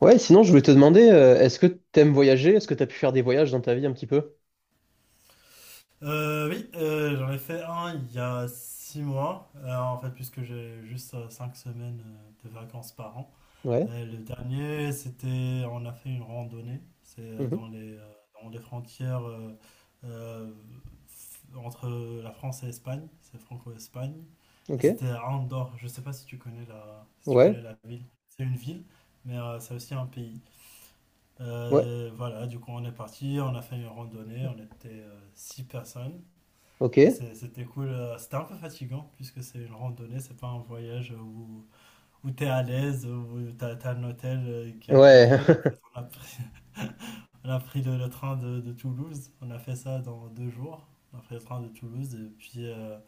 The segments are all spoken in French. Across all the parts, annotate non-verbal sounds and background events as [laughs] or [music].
Ouais, sinon, je voulais te demander, est-ce que t'aimes voyager? Est-ce que t'as pu faire des voyages dans ta vie un petit peu? Oui, j'en ai fait un il y a 6 mois, en fait, puisque j'ai juste 5 semaines de vacances par an. Ouais. Et le dernier, c'était, on a fait une randonnée, c'est Mhm. dans dans les frontières euh, entre la France et l'Espagne, c'est franco-Espagne, et Ok. c'était à Andorre. Je sais pas si tu connais si tu Ouais. connais la ville. C'est une ville, mais c'est aussi un pays. Ouais. Voilà, du coup, on est parti, on a fait une randonnée, on était six personnes. Ok. C'était cool. C'était un peu fatigant puisque c'est une randonnée, c'est pas un voyage où t'es à l'aise, où t'as un hôtel qui est à Ouais. côté. En fait, [laughs] on a pris, [laughs] on a pris le train de Toulouse. On a fait ça dans 2 jours. On a pris le train de Toulouse et puis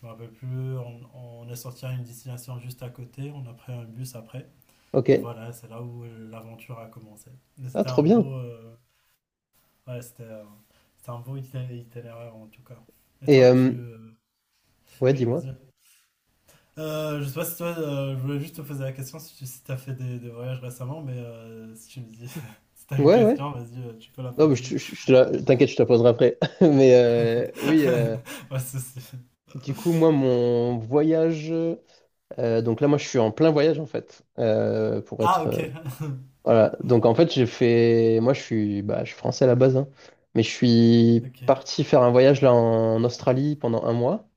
je me rappelle plus. On est sorti à une destination juste à côté. On a pris un bus après. Et Ok. voilà, c'est là où l'aventure a commencé. Mais Ah, C'était trop un bien. beau, euh, ouais, c'était un itinéraire en tout cas. Et Et, toi, tu, euh, ouais, oui, dis-moi. vas-y. Je sais pas si toi, je voulais juste te poser la question si t'as fait des voyages récemment, mais si tu me dis, [laughs] si t'as une Ouais, ouais. question, vas-y, tu peux la Non, mais poser. Je te la- t'inquiète, je te la poserai après. [laughs] Mais oui, [laughs] Pas de souci. du coup, moi, mon voyage. Donc là, moi, je suis en plein voyage, en fait, Ah, ok. [laughs] Voilà, donc en fait moi bah, je suis français à la base, hein. Mais je suis Ok, parti faire un voyage là en Australie pendant un mois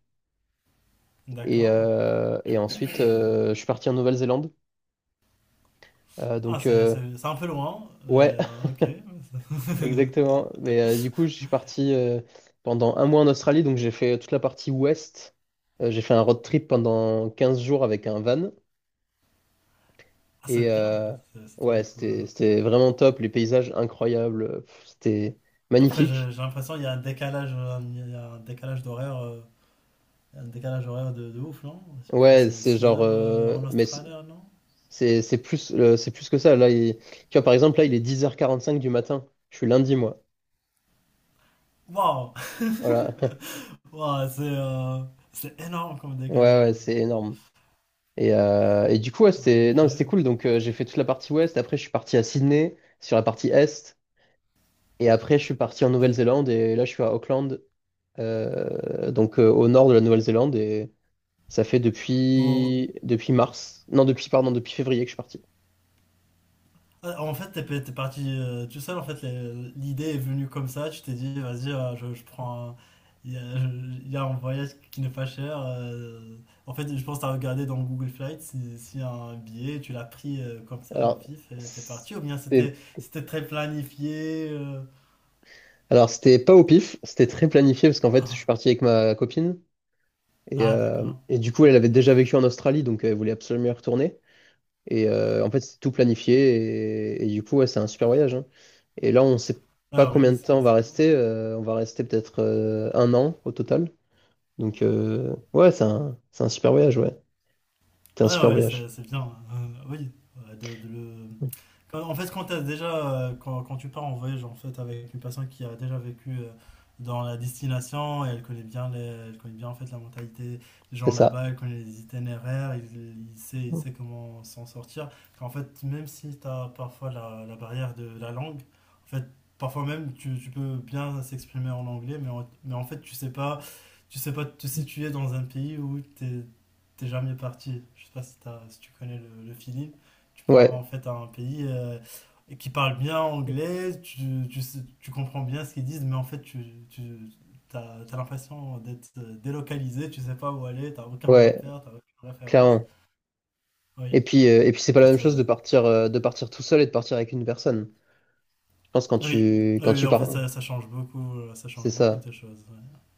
et, d'accord. euh, et ensuite je suis parti en Nouvelle-Zélande. Euh, Ah, donc euh, c'est un peu loin, mais ouais, ok. [laughs] exactement. Mais du coup je suis parti pendant un mois en Australie, donc j'ai fait toute la partie ouest. J'ai fait un road trip pendant 15 jours avec un van Ah, c'est et bien, c'est trop ouais c'était cool. c'était vraiment top, les paysages incroyables, pff, c'était Après, magnifique. j'ai l'impression qu'il y a un décalage, il y a un décalage d'horaire, il y a un décalage horaire de ouf, non? Je pense Ouais, que c'est c'est 6 genre, heures en mais c'est Australie, non? c'est c'est plus, c'est plus que ça. Là, tu vois, par exemple, là, il est 10h45 du matin. Je suis lundi, moi. Waouh! Voilà. [laughs] Ouah, c'est énorme comme Ouais, décalage. ouais, c'est énorme. Et, du coup, ouais, Ouais, ok. non, c'était cool. Donc, j'ai fait toute la partie ouest. Après, je suis parti à Sydney, sur la partie est. Et après, je suis parti en Nouvelle-Zélande. Et là, je suis à Auckland, donc au nord de la Nouvelle-Zélande. Et ça fait Oh, depuis mars. Non, pardon, depuis février que je suis parti. En fait, t'es parti tout seul. En fait, l'idée est venue comme ça. Tu t'es dit, vas-y, je prends. Il y a un voyage qui n'est pas cher. En fait, je pense que t'as regardé dans Google Flight s'il y a un billet. Tu l'as pris comme ça au Alors, pif et t'es parti. Ou bien c'était- c'était très planifié. Alors c'était pas au pif, c'était très planifié parce qu'en fait, je suis Ah, parti avec ma copine et, ah, euh, d'accord. et du Ok. coup, elle avait déjà vécu en Australie, donc elle voulait absolument y retourner. En fait, c'est tout planifié et du coup, ouais, c'est un super voyage, hein. Et là, on sait pas Ah combien oui, de temps on va c'est bien. rester. On va rester peut-être un an au total. Donc, ouais, c'est un super voyage, ouais. C'est un Ouais, super ouais, voyage. C'est bien. Oui, euh, de, de le, en fait, quand, t'as déjà, quand, quand tu pars en voyage en fait, avec une personne qui a déjà vécu dans la destination et elle connaît bien en fait, la mentalité des C'est gens ça. là-bas, elle connaît les itinéraires, il sait comment s'en sortir. En fait, même si t'as parfois la barrière de la langue, en fait, parfois même tu peux bien s'exprimer en anglais, mais en fait, tu sais pas te situer dans un pays où t'es jamais parti. Je sais pas si tu connais le feeling. Tu pars Ouais, en fait à un pays qui parle bien anglais, tu comprends bien ce qu'ils disent, mais en fait, t'as l'impression d'être délocalisé, tu sais pas où aller, t'as aucun ouais, repère, t'as aucune référence. clairement. Et Oui, puis, c'est en pas la même fait, chose euh, de partir, tout seul et de partir avec une personne. Je pense oui, quand oui, tu en fait, pars, ça change c'est beaucoup ça. de choses.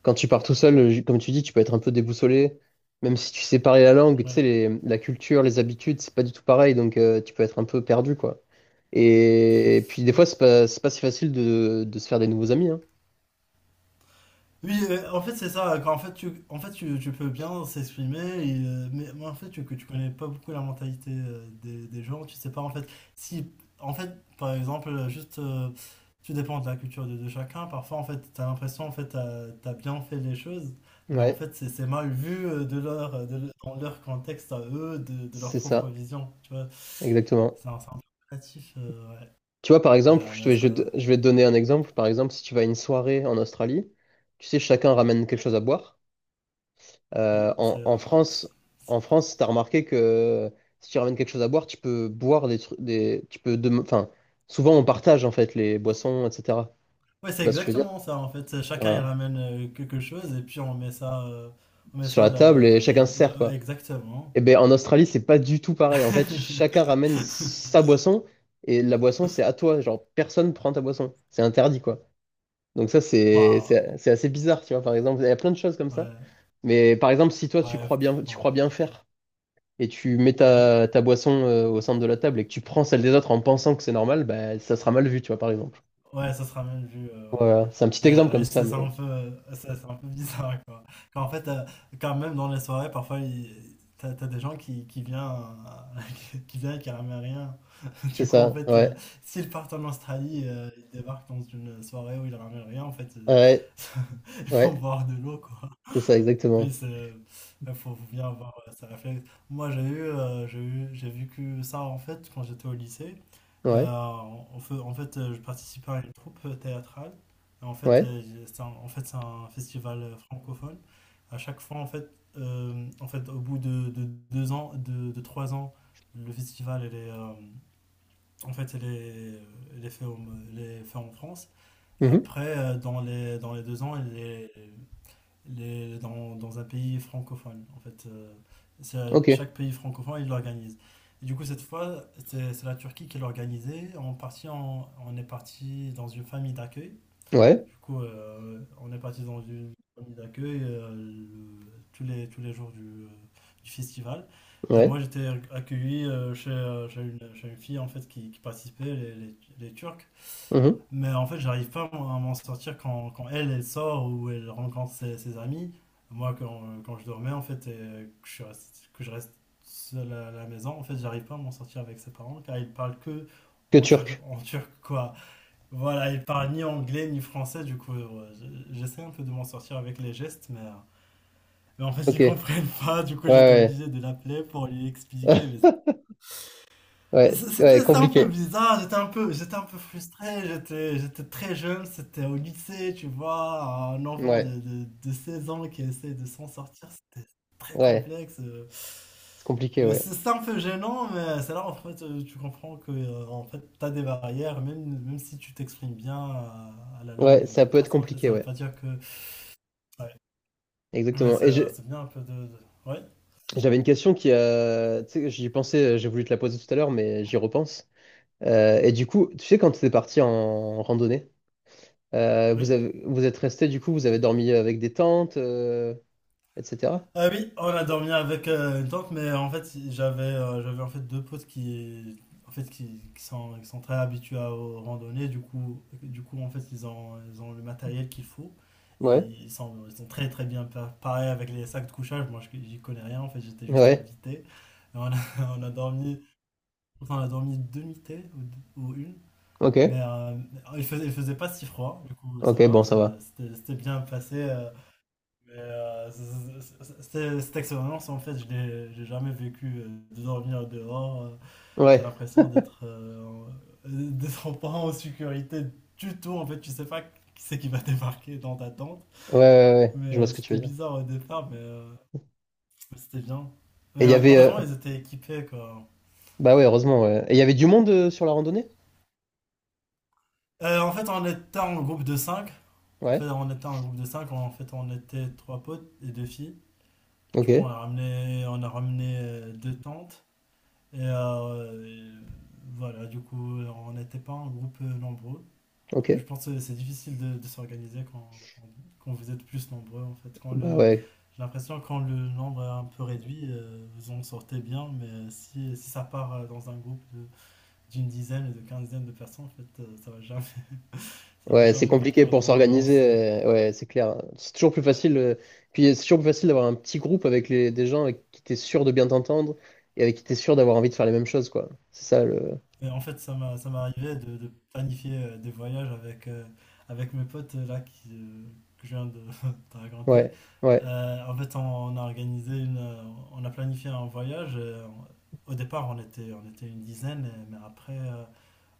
Quand tu pars tout seul, comme tu dis, tu peux être un peu déboussolé, même si tu sais parler la langue, tu sais, Ouais, la culture, les habitudes, c'est pas du tout pareil, donc tu peux être un peu perdu, quoi. Et puis des ouais, fois, c'est pas si facile de se faire des nouveaux amis, hein. oui, en fait, c'est ça. Quand, en fait, tu, En fait, tu peux bien s'exprimer, mais en fait, que tu connais pas beaucoup la mentalité des gens. Tu sais pas, en fait, si, en fait, par exemple, tu dépends de la culture de chacun. Parfois, en fait, tu as l'impression, en fait, bien fait les choses, mais en Ouais. fait, c'est mal vu de dans leur contexte à eux, de leur C'est propre ça, vision. Tu vois, exactement. C'est un peu relatif. Ouais. Tu vois, par exemple, Ouais, je te mais vais, je, ça, te- je vais te donner un exemple. Par exemple, si tu vas à une soirée en Australie, tu sais, chacun ramène quelque chose à boire. Oui, c'est En euh, France, t'as remarqué que si tu ramènes quelque chose à boire, tu peux boire des trucs, enfin, souvent on partage en fait les boissons, etc. Ouais, Tu c'est vois ce que je veux dire? exactement ça en fait. Chacun il Voilà. ramène quelque chose et puis on met Sur ça la table et là, là- chacun se sert là- quoi. exactement. Et ben en Australie, c'est pas du tout pareil. En fait, chacun ramène sa [laughs] boisson et la boisson, c'est à toi. Genre, personne prend ta boisson. C'est interdit quoi. Donc ça, c'est Waouh. c'est c'est assez bizarre, tu vois, par exemple. Il y a plein de choses comme ça. Ouais, Mais par exemple, si toi, ouais, tu bon, crois bien faire et tu mets ouais, ta boisson au centre de la table et que tu prends celle des autres en pensant que c'est normal, bah, ça sera mal vu, tu vois, par exemple. ouais, ça se ramène vu. Ouais. Voilà, c'est un petit exemple Ouais, comme ça, mais c'est un peu bizarre quoi. Quand, en fait, euh, Quand même dans les soirées, parfois t'as des gens qui viennent, [laughs] qui viennent et qui ramènent rien. c'est Du coup, en ça, fait, ouais. s'ils partent en Australie, ils débarquent dans une soirée où ils ramènent rien, en fait, Ouais, [laughs] ils vont ouais, boire de l'eau, quoi. c'est ça, exactement. Oui, il faut bien avoir ce réflexe. Moi, j'ai vécu ça, en fait, quand j'étais au lycée. Ouais, En fait, je participais à une troupe théâtrale. Et en fait, ouais. C'est un festival francophone. À chaque fois, en fait, au bout de 2 ans, de 3 ans, le festival, il est... en fait, elle est faite au- elle est faite en France. Mhm. Après, dans les 2 ans, elle est dans un pays francophone. En fait, c'est- Ok, chaque pays francophone, il l'organise. Et du coup, cette fois, c'est la Turquie qui l'a organisée. En partie, on est parti dans une famille d'accueil. ouais, Du coup, on est parti dans une famille d'accueil tous les jours du festival. Et ouais. moi, j'étais accueilli chez une fille en fait qui participait, les Turcs. Mhm. Mais en fait, j'arrive pas moi, à m'en sortir quand elle sort ou elle rencontre ses amis. Moi, quand je dormais en fait, et que je reste seul à la maison, en fait, j'arrive pas à m'en sortir avec ses parents car ils parlent que Que turc. En turc, quoi. Voilà, il parle ni anglais ni français, du coup, j'essaie un peu de m'en sortir avec les gestes, mais en fait, Ok, ils ouais, comprennent pas, du coup, j'étais ouais. obligé de l'appeler pour lui expliquer, mais [laughs] Ouais, ouais, c'était un peu compliqué. bizarre, j'étais un peu frustré, j'étais très jeune, c'était au lycée, tu vois, un enfant Ouais, de 16 ans qui essaie de s'en sortir, c'était très ouais, complexe. C'est compliqué, ouais. C'est un peu gênant, mais c'est là en fait, tu comprends que en fait, t'as des barrières, même si tu t'exprimes bien à la langue Ouais, ça d'une peut être personne, en fait, compliqué, ça veut ouais. pas dire que... Ouais. Mais Exactement. C'est bien un peu de... Ouais, J'avais une question qui a. Tu sais, j'y pensais, j'ai voulu te la poser tout à l'heure, mais j'y repense. Et du coup, tu sais, quand tu es parti en randonnée, oui. Vous êtes resté, du coup, vous avez dormi avec des tentes, etc. Ah oui, oh, on a dormi avec une tante, mais en fait, j'avais en fait deux potes qui sont très habitués aux randonnées, du coup en fait ils ont le matériel qu'il faut. Et Ouais, ils sont très très bien préparés avec les sacs de couchage. Moi, j'y connais rien. En fait, j'étais juste ouais, invité. Et on a, [laughs] on a dormi on a dormi deux nuitées ou une, ok, mais il faisait pas si froid. Du coup, ça ok, va, bon, ça va. C'était bien passé. Mais cette expérience, en fait, je l'ai j'ai jamais vécu de dormir dehors. T'as Ouais, l'impression d'être pas en sécurité du tout. En fait, tu sais pas qui c'est qui va débarquer dans ta tente. ouais, ouais, ouais, ouais. Je vois Mais ce que tu c'était veux dire. bizarre au départ, mais c'était bien. Et il y avait. Heureusement, ils étaient équipés, quoi. Bah ouais, heureusement, ouais. Et il y avait du monde sur la randonnée? En fait, on était en groupe de cinq. Ouais, En fait, on était trois potes et deux filles. Du ok, coup, on a ramené deux tentes. Et, euh, euh, voilà, du coup, on n'était pas un groupe nombreux. ok. Je pense que c'est difficile de s'organiser quand vous êtes plus nombreux, en fait. Bah ouais. J'ai l'impression que quand le nombre est un peu réduit, vous en sortez bien, mais si ça part dans un groupe d'une dizaine et de quinzaine de personnes, en fait, ça va jamais, [laughs] ça va Ouais, c'est jamais compliqué partir pour dans le vent. s'organiser, ouais, c'est clair. C'est toujours plus Ouais. facile, puis c'est toujours plus facile d'avoir un petit groupe avec des gens avec qui t'es sûr de bien t'entendre et avec qui t'es sûr d'avoir envie de faire les mêmes choses, quoi. C'est ça le. Et en fait, ça m'est arrivé de planifier des voyages avec mes potes là que je viens de [laughs] te raconter. Ouais, ouais, En fait, on a organisé une, euh, on a planifié un voyage. Au départ, on était une dizaine, mais après, euh,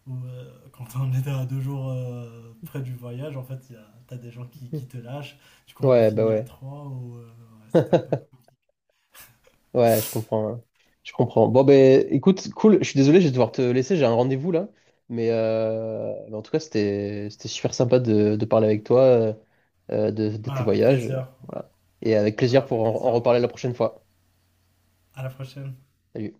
ou, euh, quand on était à 2 jours près du voyage, en fait, t'as des gens qui te lâchent. Du coup, on est ouais, bah fini à ouais. trois ou ouais, c'était un peu. [laughs] Cool. Ouais, je comprends, hein. Je comprends. Bon, ben, écoute, cool. Je suis désolé, je vais devoir te laisser. J'ai un rendez-vous là. Mais en tout cas, c'était super sympa de parler avec toi de tes Ah, avec voyages. plaisir. Voilà. Et avec Ah, plaisir pour avec en plaisir. reparler la prochaine fois. À la prochaine. Salut.